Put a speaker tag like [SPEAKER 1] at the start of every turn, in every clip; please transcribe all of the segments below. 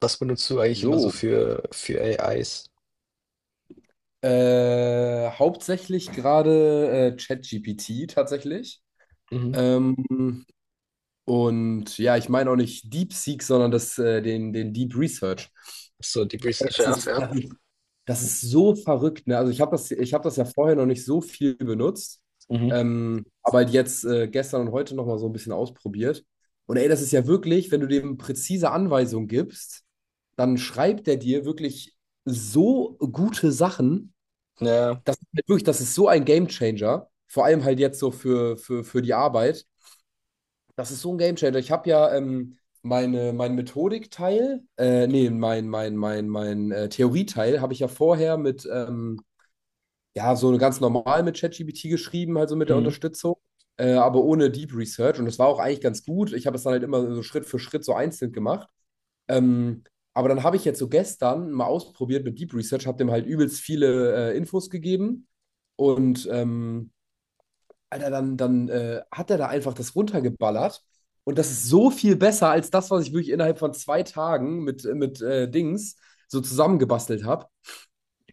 [SPEAKER 1] Was benutzt du eigentlich immer so
[SPEAKER 2] So,
[SPEAKER 1] für AIs?
[SPEAKER 2] hauptsächlich gerade ChatGPT tatsächlich.
[SPEAKER 1] Mhm.
[SPEAKER 2] Ähm, und ja, ich meine auch nicht DeepSeek, sondern das, den Deep Research.
[SPEAKER 1] So Deep Research,
[SPEAKER 2] Das
[SPEAKER 1] ja,
[SPEAKER 2] ist,
[SPEAKER 1] fair.
[SPEAKER 2] das ist, das ist so verrückt, ne? Also ich habe ich habe das ja vorher noch nicht so viel benutzt,
[SPEAKER 1] Mhm.
[SPEAKER 2] aber halt jetzt gestern und heute nochmal so ein bisschen ausprobiert. Und ey, das ist ja wirklich, wenn du dem präzise Anweisungen gibst, dann schreibt er dir wirklich so gute Sachen.
[SPEAKER 1] Ja,
[SPEAKER 2] Das ist halt wirklich, das ist so ein Gamechanger. Vor allem halt jetzt so für die Arbeit. Das ist so ein Gamechanger. Ich habe ja mein Methodikteil, nee, mein Theorieteil habe ich ja vorher mit, ja, so ganz normal mit ChatGPT geschrieben, halt so mit der
[SPEAKER 1] mhm.
[SPEAKER 2] Unterstützung, aber ohne Deep Research. Und das war auch eigentlich ganz gut. Ich habe es dann halt immer so Schritt für Schritt so einzeln gemacht. Ähm, aber dann habe ich jetzt so gestern mal ausprobiert mit Deep Research, habe dem halt übelst viele Infos gegeben und Alter, dann hat er da einfach das runtergeballert und das ist so viel besser als das, was ich wirklich innerhalb von zwei Tagen mit Dings so zusammengebastelt habe.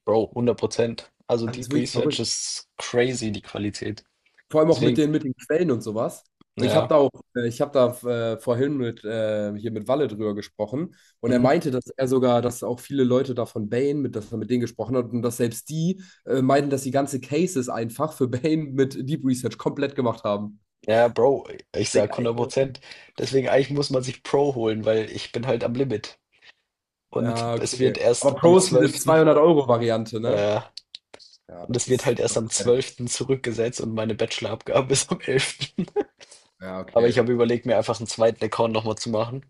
[SPEAKER 1] Bro, 100. Also
[SPEAKER 2] Das ist
[SPEAKER 1] Deep
[SPEAKER 2] wirklich
[SPEAKER 1] Research
[SPEAKER 2] verrückt.
[SPEAKER 1] ist crazy, die Qualität.
[SPEAKER 2] Vor allem auch
[SPEAKER 1] Deswegen.
[SPEAKER 2] mit den Quellen und sowas. Und ich habe
[SPEAKER 1] Ja,
[SPEAKER 2] da auch, ich habe da vorhin hier mit Walle drüber gesprochen. Und er
[SPEAKER 1] mhm.
[SPEAKER 2] meinte, dass er sogar, dass auch viele Leute da von Bane, mit, dass er mit denen gesprochen hat und dass selbst die meinten, dass die ganze Cases einfach für Bane mit Deep Research komplett gemacht haben.
[SPEAKER 1] Ja, Bro, ich
[SPEAKER 2] Ich Denk,
[SPEAKER 1] sage
[SPEAKER 2] ey,
[SPEAKER 1] 100. Deswegen eigentlich muss man sich Pro holen, weil ich bin halt am Limit und
[SPEAKER 2] ja,
[SPEAKER 1] es wird
[SPEAKER 2] okay. Aber
[SPEAKER 1] erst am
[SPEAKER 2] Pro ist diese
[SPEAKER 1] 12.,
[SPEAKER 2] 200-Euro-Variante, ne?
[SPEAKER 1] äh,
[SPEAKER 2] Ja,
[SPEAKER 1] und
[SPEAKER 2] das
[SPEAKER 1] es wird
[SPEAKER 2] ist.
[SPEAKER 1] halt erst am 12. zurückgesetzt, und meine Bachelorabgabe ist am elften.
[SPEAKER 2] Ja,
[SPEAKER 1] Aber ich
[SPEAKER 2] okay.
[SPEAKER 1] habe überlegt, mir einfach einen zweiten Account noch mal zu machen,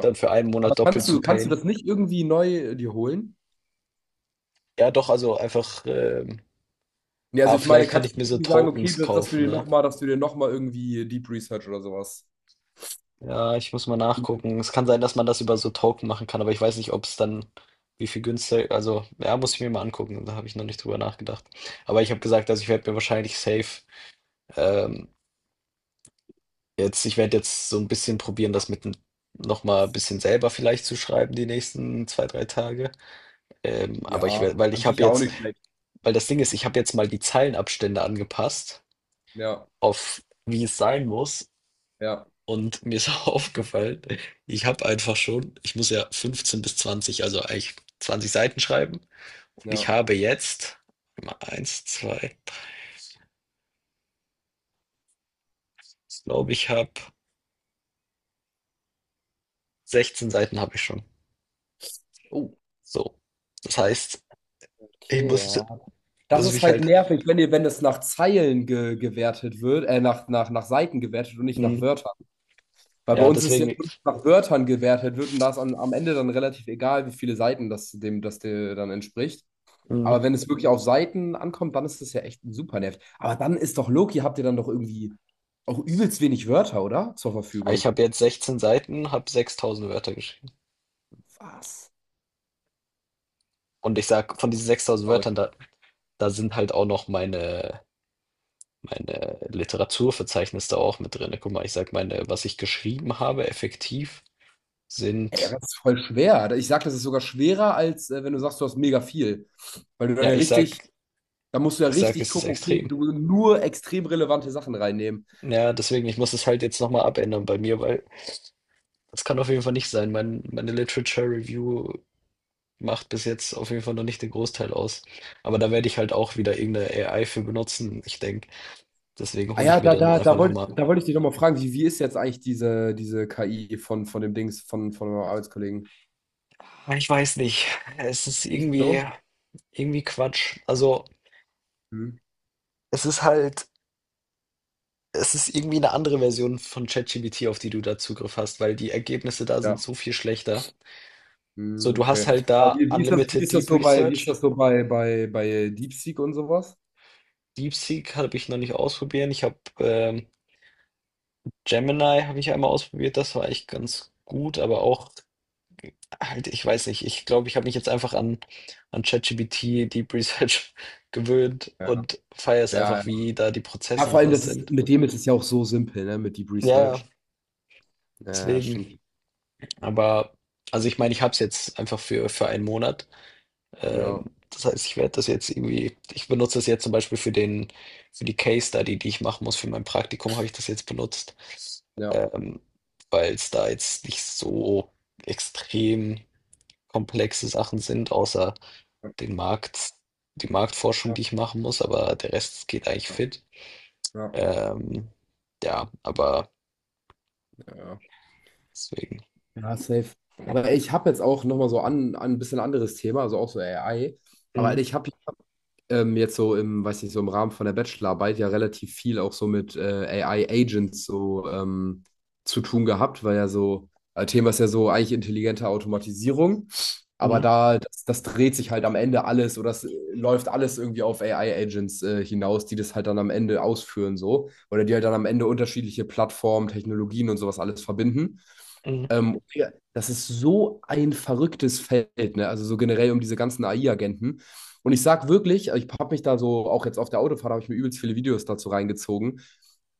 [SPEAKER 1] dann für einen
[SPEAKER 2] Aber
[SPEAKER 1] Monat doppelt zu
[SPEAKER 2] kannst du
[SPEAKER 1] payen.
[SPEAKER 2] das nicht irgendwie neu dir holen?
[SPEAKER 1] Ja, doch, also einfach,
[SPEAKER 2] Ja, also
[SPEAKER 1] aber
[SPEAKER 2] ich meine,
[SPEAKER 1] vielleicht kann
[SPEAKER 2] kannst
[SPEAKER 1] ich
[SPEAKER 2] du
[SPEAKER 1] mir so
[SPEAKER 2] irgendwie sagen, okay,
[SPEAKER 1] Tokens
[SPEAKER 2] dass, dass du
[SPEAKER 1] kaufen,
[SPEAKER 2] dir
[SPEAKER 1] ne?
[SPEAKER 2] nochmal, dass du dir noch mal irgendwie Deep Research oder sowas.
[SPEAKER 1] Ja, ich muss mal nachgucken. Es kann sein, dass man das über so Token machen kann, aber ich weiß nicht, ob es dann wie viel günstiger, also ja, muss ich mir mal angucken, da habe ich noch nicht drüber nachgedacht. Aber ich habe gesagt, also ich werde mir wahrscheinlich safe, ähm, jetzt, ich werde jetzt so ein bisschen probieren, das mit noch mal ein bisschen selber vielleicht zu schreiben die nächsten 2, 3 Tage. Aber ich
[SPEAKER 2] Ja,
[SPEAKER 1] werde, weil
[SPEAKER 2] an
[SPEAKER 1] ich
[SPEAKER 2] sich
[SPEAKER 1] habe
[SPEAKER 2] ja auch
[SPEAKER 1] jetzt,
[SPEAKER 2] nicht schlecht.
[SPEAKER 1] weil das Ding ist, ich habe jetzt mal die Zeilenabstände angepasst
[SPEAKER 2] Ja,
[SPEAKER 1] auf wie es sein muss.
[SPEAKER 2] ja,
[SPEAKER 1] Und mir ist aufgefallen, ich habe einfach schon, ich muss ja 15 bis 20, also eigentlich 20 Seiten schreiben. Und ich
[SPEAKER 2] ja.
[SPEAKER 1] habe jetzt mal eins, zwei, drei, ich glaube, ich habe 16 Seiten habe ich schon.
[SPEAKER 2] Oh,
[SPEAKER 1] So. Das heißt, ich
[SPEAKER 2] okay,
[SPEAKER 1] muss,
[SPEAKER 2] ja. Das
[SPEAKER 1] muss
[SPEAKER 2] ist
[SPEAKER 1] mich
[SPEAKER 2] halt
[SPEAKER 1] halt,
[SPEAKER 2] nervig, wenn ihr, wenn das nach Zeilen ge gewertet wird, nach Seiten gewertet und nicht nach
[SPEAKER 1] mm,
[SPEAKER 2] Wörtern. Weil bei
[SPEAKER 1] ja,
[SPEAKER 2] uns ist ja
[SPEAKER 1] deswegen,
[SPEAKER 2] nur nach Wörtern gewertet wird und da ist an, am Ende dann relativ egal, wie viele Seiten das dem, das dir dann entspricht.
[SPEAKER 1] mm,
[SPEAKER 2] Aber wenn es wirklich auf Seiten ankommt, dann ist das ja echt super nervig. Aber dann ist doch Loki, habt ihr dann doch irgendwie auch übelst wenig Wörter, oder? Zur
[SPEAKER 1] ich
[SPEAKER 2] Verfügung.
[SPEAKER 1] habe jetzt 16 Seiten, habe 6.000 Wörter geschrieben.
[SPEAKER 2] Was?
[SPEAKER 1] Und ich sag, von diesen 6.000
[SPEAKER 2] Verrückt.
[SPEAKER 1] Wörtern, da sind halt auch noch meine, Literaturverzeichnis da auch mit drin. Guck mal, ich sag, meine, was ich geschrieben habe effektiv
[SPEAKER 2] Ey,
[SPEAKER 1] sind,
[SPEAKER 2] das ist voll schwer. Ich sag, das ist sogar schwerer, als wenn du sagst, du hast mega viel. Weil du dann
[SPEAKER 1] ja,
[SPEAKER 2] ja
[SPEAKER 1] ich
[SPEAKER 2] richtig,
[SPEAKER 1] sag,
[SPEAKER 2] da musst du ja
[SPEAKER 1] ich sag,
[SPEAKER 2] richtig
[SPEAKER 1] es ist
[SPEAKER 2] gucken, okay,
[SPEAKER 1] extrem.
[SPEAKER 2] du willst nur extrem relevante Sachen reinnehmen.
[SPEAKER 1] Ja, deswegen, ich muss es halt jetzt noch mal abändern bei mir, weil das kann auf jeden Fall nicht sein. Meine Literature Review macht bis jetzt auf jeden Fall noch nicht den Großteil aus. Aber da werde ich halt auch wieder irgendeine AI für benutzen, ich denke. Deswegen
[SPEAKER 2] Ah
[SPEAKER 1] hole ich
[SPEAKER 2] ja,
[SPEAKER 1] mir dann einfach
[SPEAKER 2] da
[SPEAKER 1] noch
[SPEAKER 2] wollte
[SPEAKER 1] mal,
[SPEAKER 2] da wollt ich dich nochmal fragen, wie, wie ist jetzt eigentlich diese, diese KI von dem Dings, von eurem Arbeitskollegen?
[SPEAKER 1] ich weiß nicht. Es ist
[SPEAKER 2] Nicht
[SPEAKER 1] irgendwie
[SPEAKER 2] so?
[SPEAKER 1] irgendwie Quatsch. Also,
[SPEAKER 2] Hm.
[SPEAKER 1] es ist halt Es ist irgendwie eine andere Version von ChatGPT, auf die du da Zugriff hast, weil die Ergebnisse da sind
[SPEAKER 2] Ja.
[SPEAKER 1] so viel schlechter. So,
[SPEAKER 2] Hm,
[SPEAKER 1] du hast
[SPEAKER 2] okay.
[SPEAKER 1] halt
[SPEAKER 2] Aber
[SPEAKER 1] da
[SPEAKER 2] wie, wie
[SPEAKER 1] Unlimited
[SPEAKER 2] ist das
[SPEAKER 1] Deep
[SPEAKER 2] so bei, wie ist
[SPEAKER 1] Research.
[SPEAKER 2] das so bei, bei, bei DeepSeek und sowas?
[SPEAKER 1] DeepSeek habe ich noch nicht ausprobiert. Ich habe, Gemini habe ich ja einmal ausprobiert. Das war echt ganz gut, aber auch halt, ich weiß nicht. Ich glaube, ich habe mich jetzt einfach an ChatGPT Deep Research gewöhnt
[SPEAKER 2] Ja, ja.
[SPEAKER 1] und feiere es
[SPEAKER 2] Ja,
[SPEAKER 1] einfach, wie da die
[SPEAKER 2] ja,
[SPEAKER 1] Prozesse und
[SPEAKER 2] vor allem,
[SPEAKER 1] sowas
[SPEAKER 2] das ist,
[SPEAKER 1] sind.
[SPEAKER 2] mit dem ist es ja auch so simpel, ne, mit Deep
[SPEAKER 1] Ja, ja,
[SPEAKER 2] Research. Ja,
[SPEAKER 1] deswegen.
[SPEAKER 2] stimmt.
[SPEAKER 1] Aber also ich meine, ich habe es jetzt einfach für einen Monat.
[SPEAKER 2] Ja,
[SPEAKER 1] Das heißt, ich werde das jetzt irgendwie, ich benutze das jetzt zum Beispiel für den, für die Case Study, die ich machen muss, für mein Praktikum habe ich das jetzt benutzt,
[SPEAKER 2] ja,
[SPEAKER 1] ähm, weil es da jetzt nicht so extrem komplexe Sachen sind, außer den Markt, die Marktforschung,
[SPEAKER 2] ja,
[SPEAKER 1] die ich machen muss, aber der Rest geht eigentlich
[SPEAKER 2] ja,
[SPEAKER 1] fit.
[SPEAKER 2] ja.
[SPEAKER 1] Ähm, ja, aber
[SPEAKER 2] Ja.
[SPEAKER 1] deswegen.
[SPEAKER 2] Ja, safe. Aber ich habe jetzt auch nochmal so an, an ein bisschen anderes Thema, also auch so AI. Aber Alter,
[SPEAKER 1] Mhm.
[SPEAKER 2] ich habe jetzt so im, weiß nicht, so im Rahmen von der Bachelorarbeit ja relativ viel auch so mit AI-Agents so zu tun gehabt, weil ja so, Thema ist ja so eigentlich intelligente Automatisierung. Aber
[SPEAKER 1] Mhm.
[SPEAKER 2] da, das, das dreht sich halt am Ende alles oder das läuft alles irgendwie auf AI-Agents hinaus, die das halt dann am Ende ausführen so. Oder die halt dann am Ende unterschiedliche Plattformen, Technologien und sowas alles verbinden.
[SPEAKER 1] Mhm.
[SPEAKER 2] Digga, das ist so ein verrücktes Feld, ne? Also so generell um diese ganzen AI-Agenten. Und ich sag wirklich, ich habe mich da so, auch jetzt auf der Autofahrt, habe ich mir übelst viele Videos dazu reingezogen.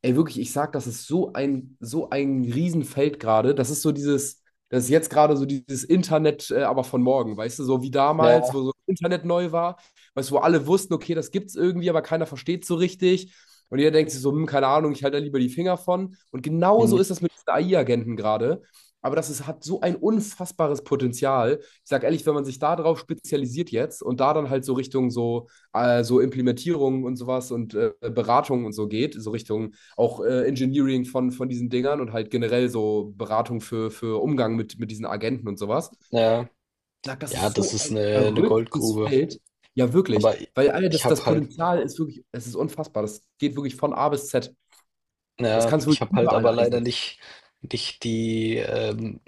[SPEAKER 2] Ey, wirklich, ich sag, das ist so ein Riesenfeld gerade. Das ist so dieses, das ist jetzt gerade so dieses Internet, aber von morgen, weißt du, so wie damals, wo
[SPEAKER 1] Ja,
[SPEAKER 2] so Internet neu war, weißt du, wo alle wussten, okay, das gibt's irgendwie, aber keiner versteht so richtig. Und jeder denkt sich so, keine Ahnung, ich halte da lieber die Finger von. Und
[SPEAKER 1] mhm.
[SPEAKER 2] genauso ist das mit diesen AI-Agenten gerade. Aber das ist, hat so ein unfassbares Potenzial. Ich sage ehrlich, wenn man sich da drauf spezialisiert jetzt und da dann halt so Richtung so, so Implementierung und sowas und Beratung und so geht, so Richtung auch Engineering von diesen Dingern und halt generell so Beratung für Umgang mit diesen Agenten und sowas.
[SPEAKER 1] Ja,
[SPEAKER 2] Ich sag, das
[SPEAKER 1] ja,
[SPEAKER 2] ist
[SPEAKER 1] das
[SPEAKER 2] so
[SPEAKER 1] ist
[SPEAKER 2] ein
[SPEAKER 1] eine
[SPEAKER 2] verrücktes
[SPEAKER 1] Goldgrube.
[SPEAKER 2] Feld. Ja, wirklich.
[SPEAKER 1] Aber
[SPEAKER 2] Weil Alter,
[SPEAKER 1] ich
[SPEAKER 2] das,
[SPEAKER 1] habe
[SPEAKER 2] das
[SPEAKER 1] halt,
[SPEAKER 2] Potenzial ist wirklich, es ist unfassbar. Das geht wirklich von A bis Z. Das
[SPEAKER 1] ja,
[SPEAKER 2] kannst du
[SPEAKER 1] ich
[SPEAKER 2] wirklich
[SPEAKER 1] habe halt
[SPEAKER 2] überall
[SPEAKER 1] aber leider
[SPEAKER 2] einsetzen.
[SPEAKER 1] nicht, nicht die,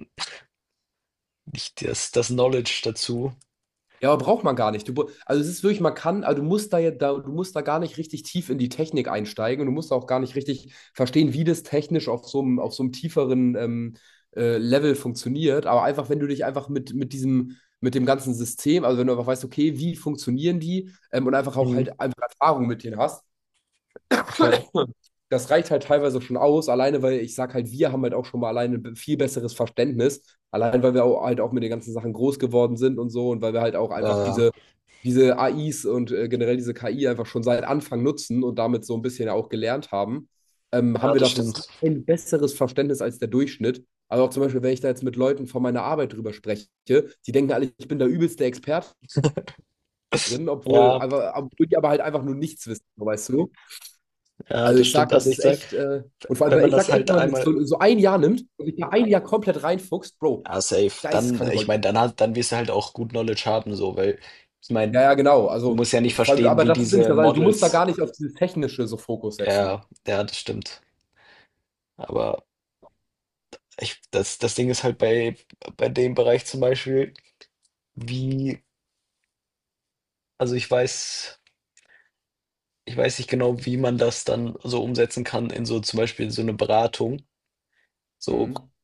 [SPEAKER 1] nicht das Knowledge dazu.
[SPEAKER 2] Ja, aber braucht man gar nicht. Du, br- also es ist wirklich, man kann, also du musst da ja, da, du musst da gar nicht richtig tief in die Technik einsteigen und du musst auch gar nicht richtig verstehen, wie das technisch auf so einem tieferen Level funktioniert. Aber einfach, wenn du dich einfach mit diesem, mit dem ganzen System, also wenn du einfach weißt, okay, wie funktionieren die und einfach auch
[SPEAKER 1] Mhm,
[SPEAKER 2] halt einfach Erfahrung mit denen hast,
[SPEAKER 1] okay.
[SPEAKER 2] das reicht halt teilweise schon aus, alleine weil ich sag halt, wir haben halt auch schon mal alleine ein viel besseres Verständnis, allein weil wir auch, halt auch mit den ganzen Sachen groß geworden sind und so und weil wir halt auch einfach
[SPEAKER 1] Ja, ja.
[SPEAKER 2] diese AIs und generell diese KI einfach schon seit Anfang nutzen und damit so ein bisschen auch gelernt haben,
[SPEAKER 1] Ja,
[SPEAKER 2] haben wir
[SPEAKER 1] das
[SPEAKER 2] dafür so
[SPEAKER 1] stimmt.
[SPEAKER 2] ein besseres Verständnis als der Durchschnitt. Also auch zum Beispiel, wenn ich da jetzt mit Leuten von meiner Arbeit drüber spreche, die denken alle, ich bin der übelste Experte drin, obwohl,
[SPEAKER 1] Ja,
[SPEAKER 2] aber, obwohl die aber halt einfach nur nichts wissen, so, weißt du?
[SPEAKER 1] ja,
[SPEAKER 2] Also
[SPEAKER 1] das
[SPEAKER 2] ich sag,
[SPEAKER 1] stimmt.
[SPEAKER 2] das
[SPEAKER 1] Also, ich
[SPEAKER 2] ist
[SPEAKER 1] sag,
[SPEAKER 2] echt, und vor allem,
[SPEAKER 1] wenn
[SPEAKER 2] weil
[SPEAKER 1] man
[SPEAKER 2] ich
[SPEAKER 1] das
[SPEAKER 2] sag echt,
[SPEAKER 1] halt
[SPEAKER 2] wenn man das
[SPEAKER 1] einmal,
[SPEAKER 2] so, so ein Jahr nimmt und sich da ein Jahr komplett reinfuchst, Bro,
[SPEAKER 1] ja, safe.
[SPEAKER 2] da ist es
[SPEAKER 1] Dann
[SPEAKER 2] kranke
[SPEAKER 1] ich
[SPEAKER 2] Gold.
[SPEAKER 1] meine, dann hat dann wirst du halt auch gut Knowledge haben so, weil ich
[SPEAKER 2] Ja,
[SPEAKER 1] meine,
[SPEAKER 2] ja, genau.
[SPEAKER 1] du
[SPEAKER 2] Also,
[SPEAKER 1] musst ja nicht
[SPEAKER 2] vor allem,
[SPEAKER 1] verstehen,
[SPEAKER 2] aber
[SPEAKER 1] wie
[SPEAKER 2] das ist nämlich
[SPEAKER 1] diese
[SPEAKER 2] das, also du musst da
[SPEAKER 1] Models,
[SPEAKER 2] gar nicht auf dieses Technische so Fokus setzen.
[SPEAKER 1] ja, ja, das stimmt. Aber ich das das Ding ist halt bei dem Bereich zum Beispiel, wie, also, ich weiß nicht genau, wie man das dann so umsetzen kann in so zum Beispiel so 'ne Beratung. So,
[SPEAKER 2] Mhm.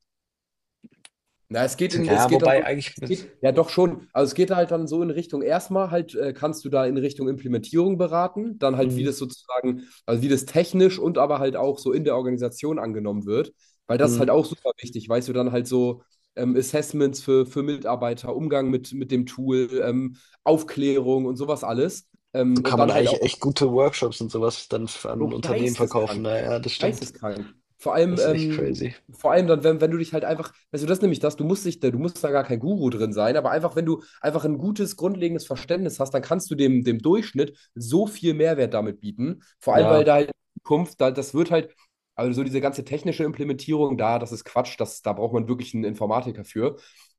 [SPEAKER 2] Na, es geht in, es
[SPEAKER 1] ja,
[SPEAKER 2] geht dann
[SPEAKER 1] wobei
[SPEAKER 2] so,
[SPEAKER 1] eigentlich
[SPEAKER 2] es
[SPEAKER 1] mit,
[SPEAKER 2] geht, ja doch schon, also es geht halt dann so in Richtung, erstmal halt kannst du da in Richtung Implementierung beraten, dann halt wie
[SPEAKER 1] mhm,
[SPEAKER 2] das sozusagen, also wie das technisch und aber halt auch so in der Organisation angenommen wird, weil das ist
[SPEAKER 1] mhm,
[SPEAKER 2] halt auch super wichtig, weißt du, dann halt so Assessments für Mitarbeiter, Umgang mit dem Tool, Aufklärung und sowas alles.
[SPEAKER 1] so kann
[SPEAKER 2] Und
[SPEAKER 1] man
[SPEAKER 2] dann halt auch
[SPEAKER 1] eigentlich echt gute Workshops und so was dann f an
[SPEAKER 2] Bro,
[SPEAKER 1] Unternehmen verkaufen.
[SPEAKER 2] geisteskrank.
[SPEAKER 1] Na ja, das stimmt.
[SPEAKER 2] Geisteskrank.
[SPEAKER 1] Das ist echt crazy.
[SPEAKER 2] Vor allem dann, wenn, wenn du dich halt einfach, weißt du, das ist nämlich das, du musst dich, da- du musst da gar kein Guru drin sein, aber einfach, wenn du einfach ein gutes, grundlegendes Verständnis hast, dann kannst du dem, dem Durchschnitt so viel Mehrwert damit bieten. Vor allem,
[SPEAKER 1] Ja,
[SPEAKER 2] weil da halt in Zukunft, da, das wird halt, also so diese ganze technische Implementierung da, das ist Quatsch, das, da braucht man wirklich einen Informatiker für.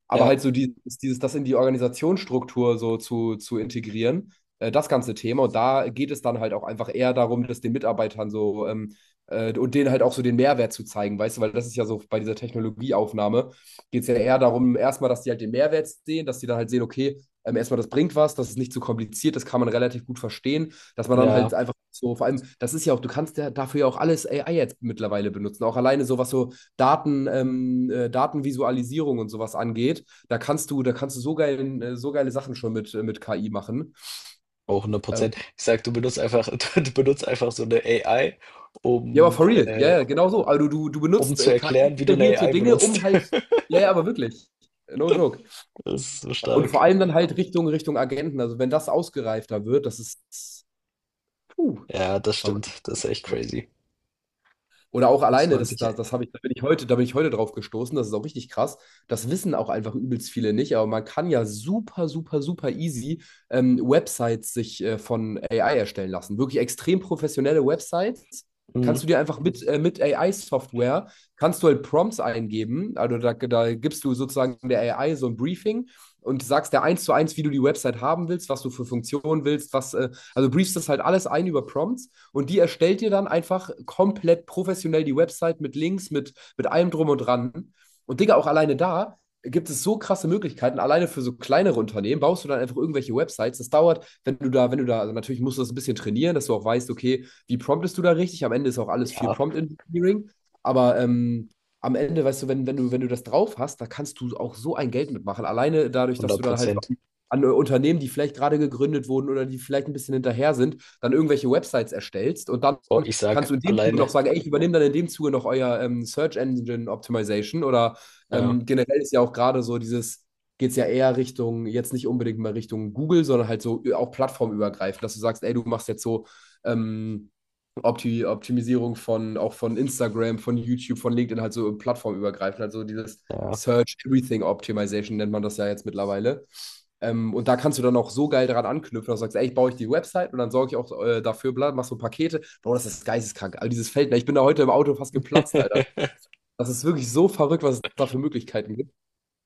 [SPEAKER 2] Aber
[SPEAKER 1] ja,
[SPEAKER 2] halt so dieses, das in die Organisationsstruktur so zu integrieren das ganze Thema. Und da geht es dann halt auch einfach eher darum, dass den Mitarbeitern so und denen halt auch so den Mehrwert zu zeigen, weißt du, weil das ist ja so bei dieser Technologieaufnahme, geht es ja eher darum, erstmal, dass die halt den Mehrwert sehen, dass die dann halt sehen, okay, erstmal, das bringt was, das ist nicht zu kompliziert, das kann man relativ gut verstehen, dass man dann halt
[SPEAKER 1] ja,
[SPEAKER 2] einfach so, vor allem, das ist ja auch, du kannst ja dafür ja auch alles AI jetzt mittlerweile benutzen, auch alleine so, was so Daten, Datenvisualisierung und sowas angeht, da kannst du so, geil, so geile Sachen schon mit KI machen.
[SPEAKER 1] auch 100.
[SPEAKER 2] Ähm,
[SPEAKER 1] Ich sage, du benutzt einfach du benutzt einfach so 'ne AI,
[SPEAKER 2] Ja, aber
[SPEAKER 1] um,
[SPEAKER 2] for real. Ja,
[SPEAKER 1] äh
[SPEAKER 2] ja, genau so. Also du
[SPEAKER 1] um
[SPEAKER 2] benutzt
[SPEAKER 1] zu erklären, wie du 'ne
[SPEAKER 2] KI-generierte
[SPEAKER 1] AI
[SPEAKER 2] Dinge,
[SPEAKER 1] benutzt.
[SPEAKER 2] um halt. Ja, ja, aber wirklich. No joke.
[SPEAKER 1] Das ist so
[SPEAKER 2] Und vor
[SPEAKER 1] stark.
[SPEAKER 2] allem dann halt Richtung, Richtung Agenten. Also wenn das ausgereifter wird, das ist. Puh,
[SPEAKER 1] Ja, das
[SPEAKER 2] verrückt.
[SPEAKER 1] stimmt. Das ist echt crazy.
[SPEAKER 2] Oder auch
[SPEAKER 1] Muss
[SPEAKER 2] alleine,
[SPEAKER 1] man
[SPEAKER 2] das,
[SPEAKER 1] sich,
[SPEAKER 2] das, das habe ich, da bin ich heute, da bin ich heute drauf gestoßen, das ist auch richtig krass. Das wissen auch einfach übelst viele nicht, aber man kann ja super, super, super easy Websites sich von AI erstellen lassen. Wirklich extrem professionelle Websites
[SPEAKER 1] mhm,
[SPEAKER 2] kannst du dir einfach mit AI-Software, kannst du halt Prompts eingeben, also da, da gibst du sozusagen der AI so ein Briefing und sagst der eins zu eins, wie du die Website haben willst, was du für Funktionen willst, was, also briefst das halt alles ein über Prompts und die erstellt dir dann einfach komplett professionell die Website mit Links, mit allem drum und dran. Und Digga, auch alleine da gibt es so krasse Möglichkeiten. Alleine für so kleinere Unternehmen baust du dann einfach irgendwelche Websites. Das dauert, wenn du da, wenn du da, also natürlich musst du das ein bisschen trainieren, dass du auch weißt, okay, wie promptest du da richtig? Am Ende ist auch alles viel
[SPEAKER 1] ja,
[SPEAKER 2] Prompt Engineering. Aber am Ende, weißt du, wenn, wenn du, wenn du das drauf hast, da kannst du auch so ein Geld mitmachen. Alleine dadurch, dass
[SPEAKER 1] 100.
[SPEAKER 2] du dann halt so an, an Unternehmen, die vielleicht gerade gegründet wurden oder die vielleicht ein bisschen hinterher sind, dann irgendwelche Websites erstellst und dann
[SPEAKER 1] Oh, ich
[SPEAKER 2] kannst
[SPEAKER 1] sag
[SPEAKER 2] du in dem Zuge
[SPEAKER 1] alleine.
[SPEAKER 2] noch sagen, ey, ich übernehme dann in dem Zuge noch euer Search Engine Optimization oder
[SPEAKER 1] Ja,
[SPEAKER 2] generell ist ja auch gerade so dieses, geht es ja eher Richtung, jetzt nicht unbedingt mal Richtung Google, sondern halt so auch plattformübergreifend, dass du sagst, ey, du machst jetzt so ähm, Opti Optimisierung von auch von Instagram, von YouTube, von LinkedIn, halt so plattformübergreifend, also dieses
[SPEAKER 1] ja.
[SPEAKER 2] Search Everything Optimization nennt man das ja jetzt mittlerweile. Und da kannst du dann auch so geil dran anknüpfen, dass du sagst, ey, ich baue ich die Website und dann sorge ich auch dafür, bla, mach so Pakete. Bro, das ist geisteskrank. Also dieses Feld, ne? Ich bin da heute im Auto fast geplatzt, Alter. Das ist wirklich so verrückt, was es da für Möglichkeiten gibt.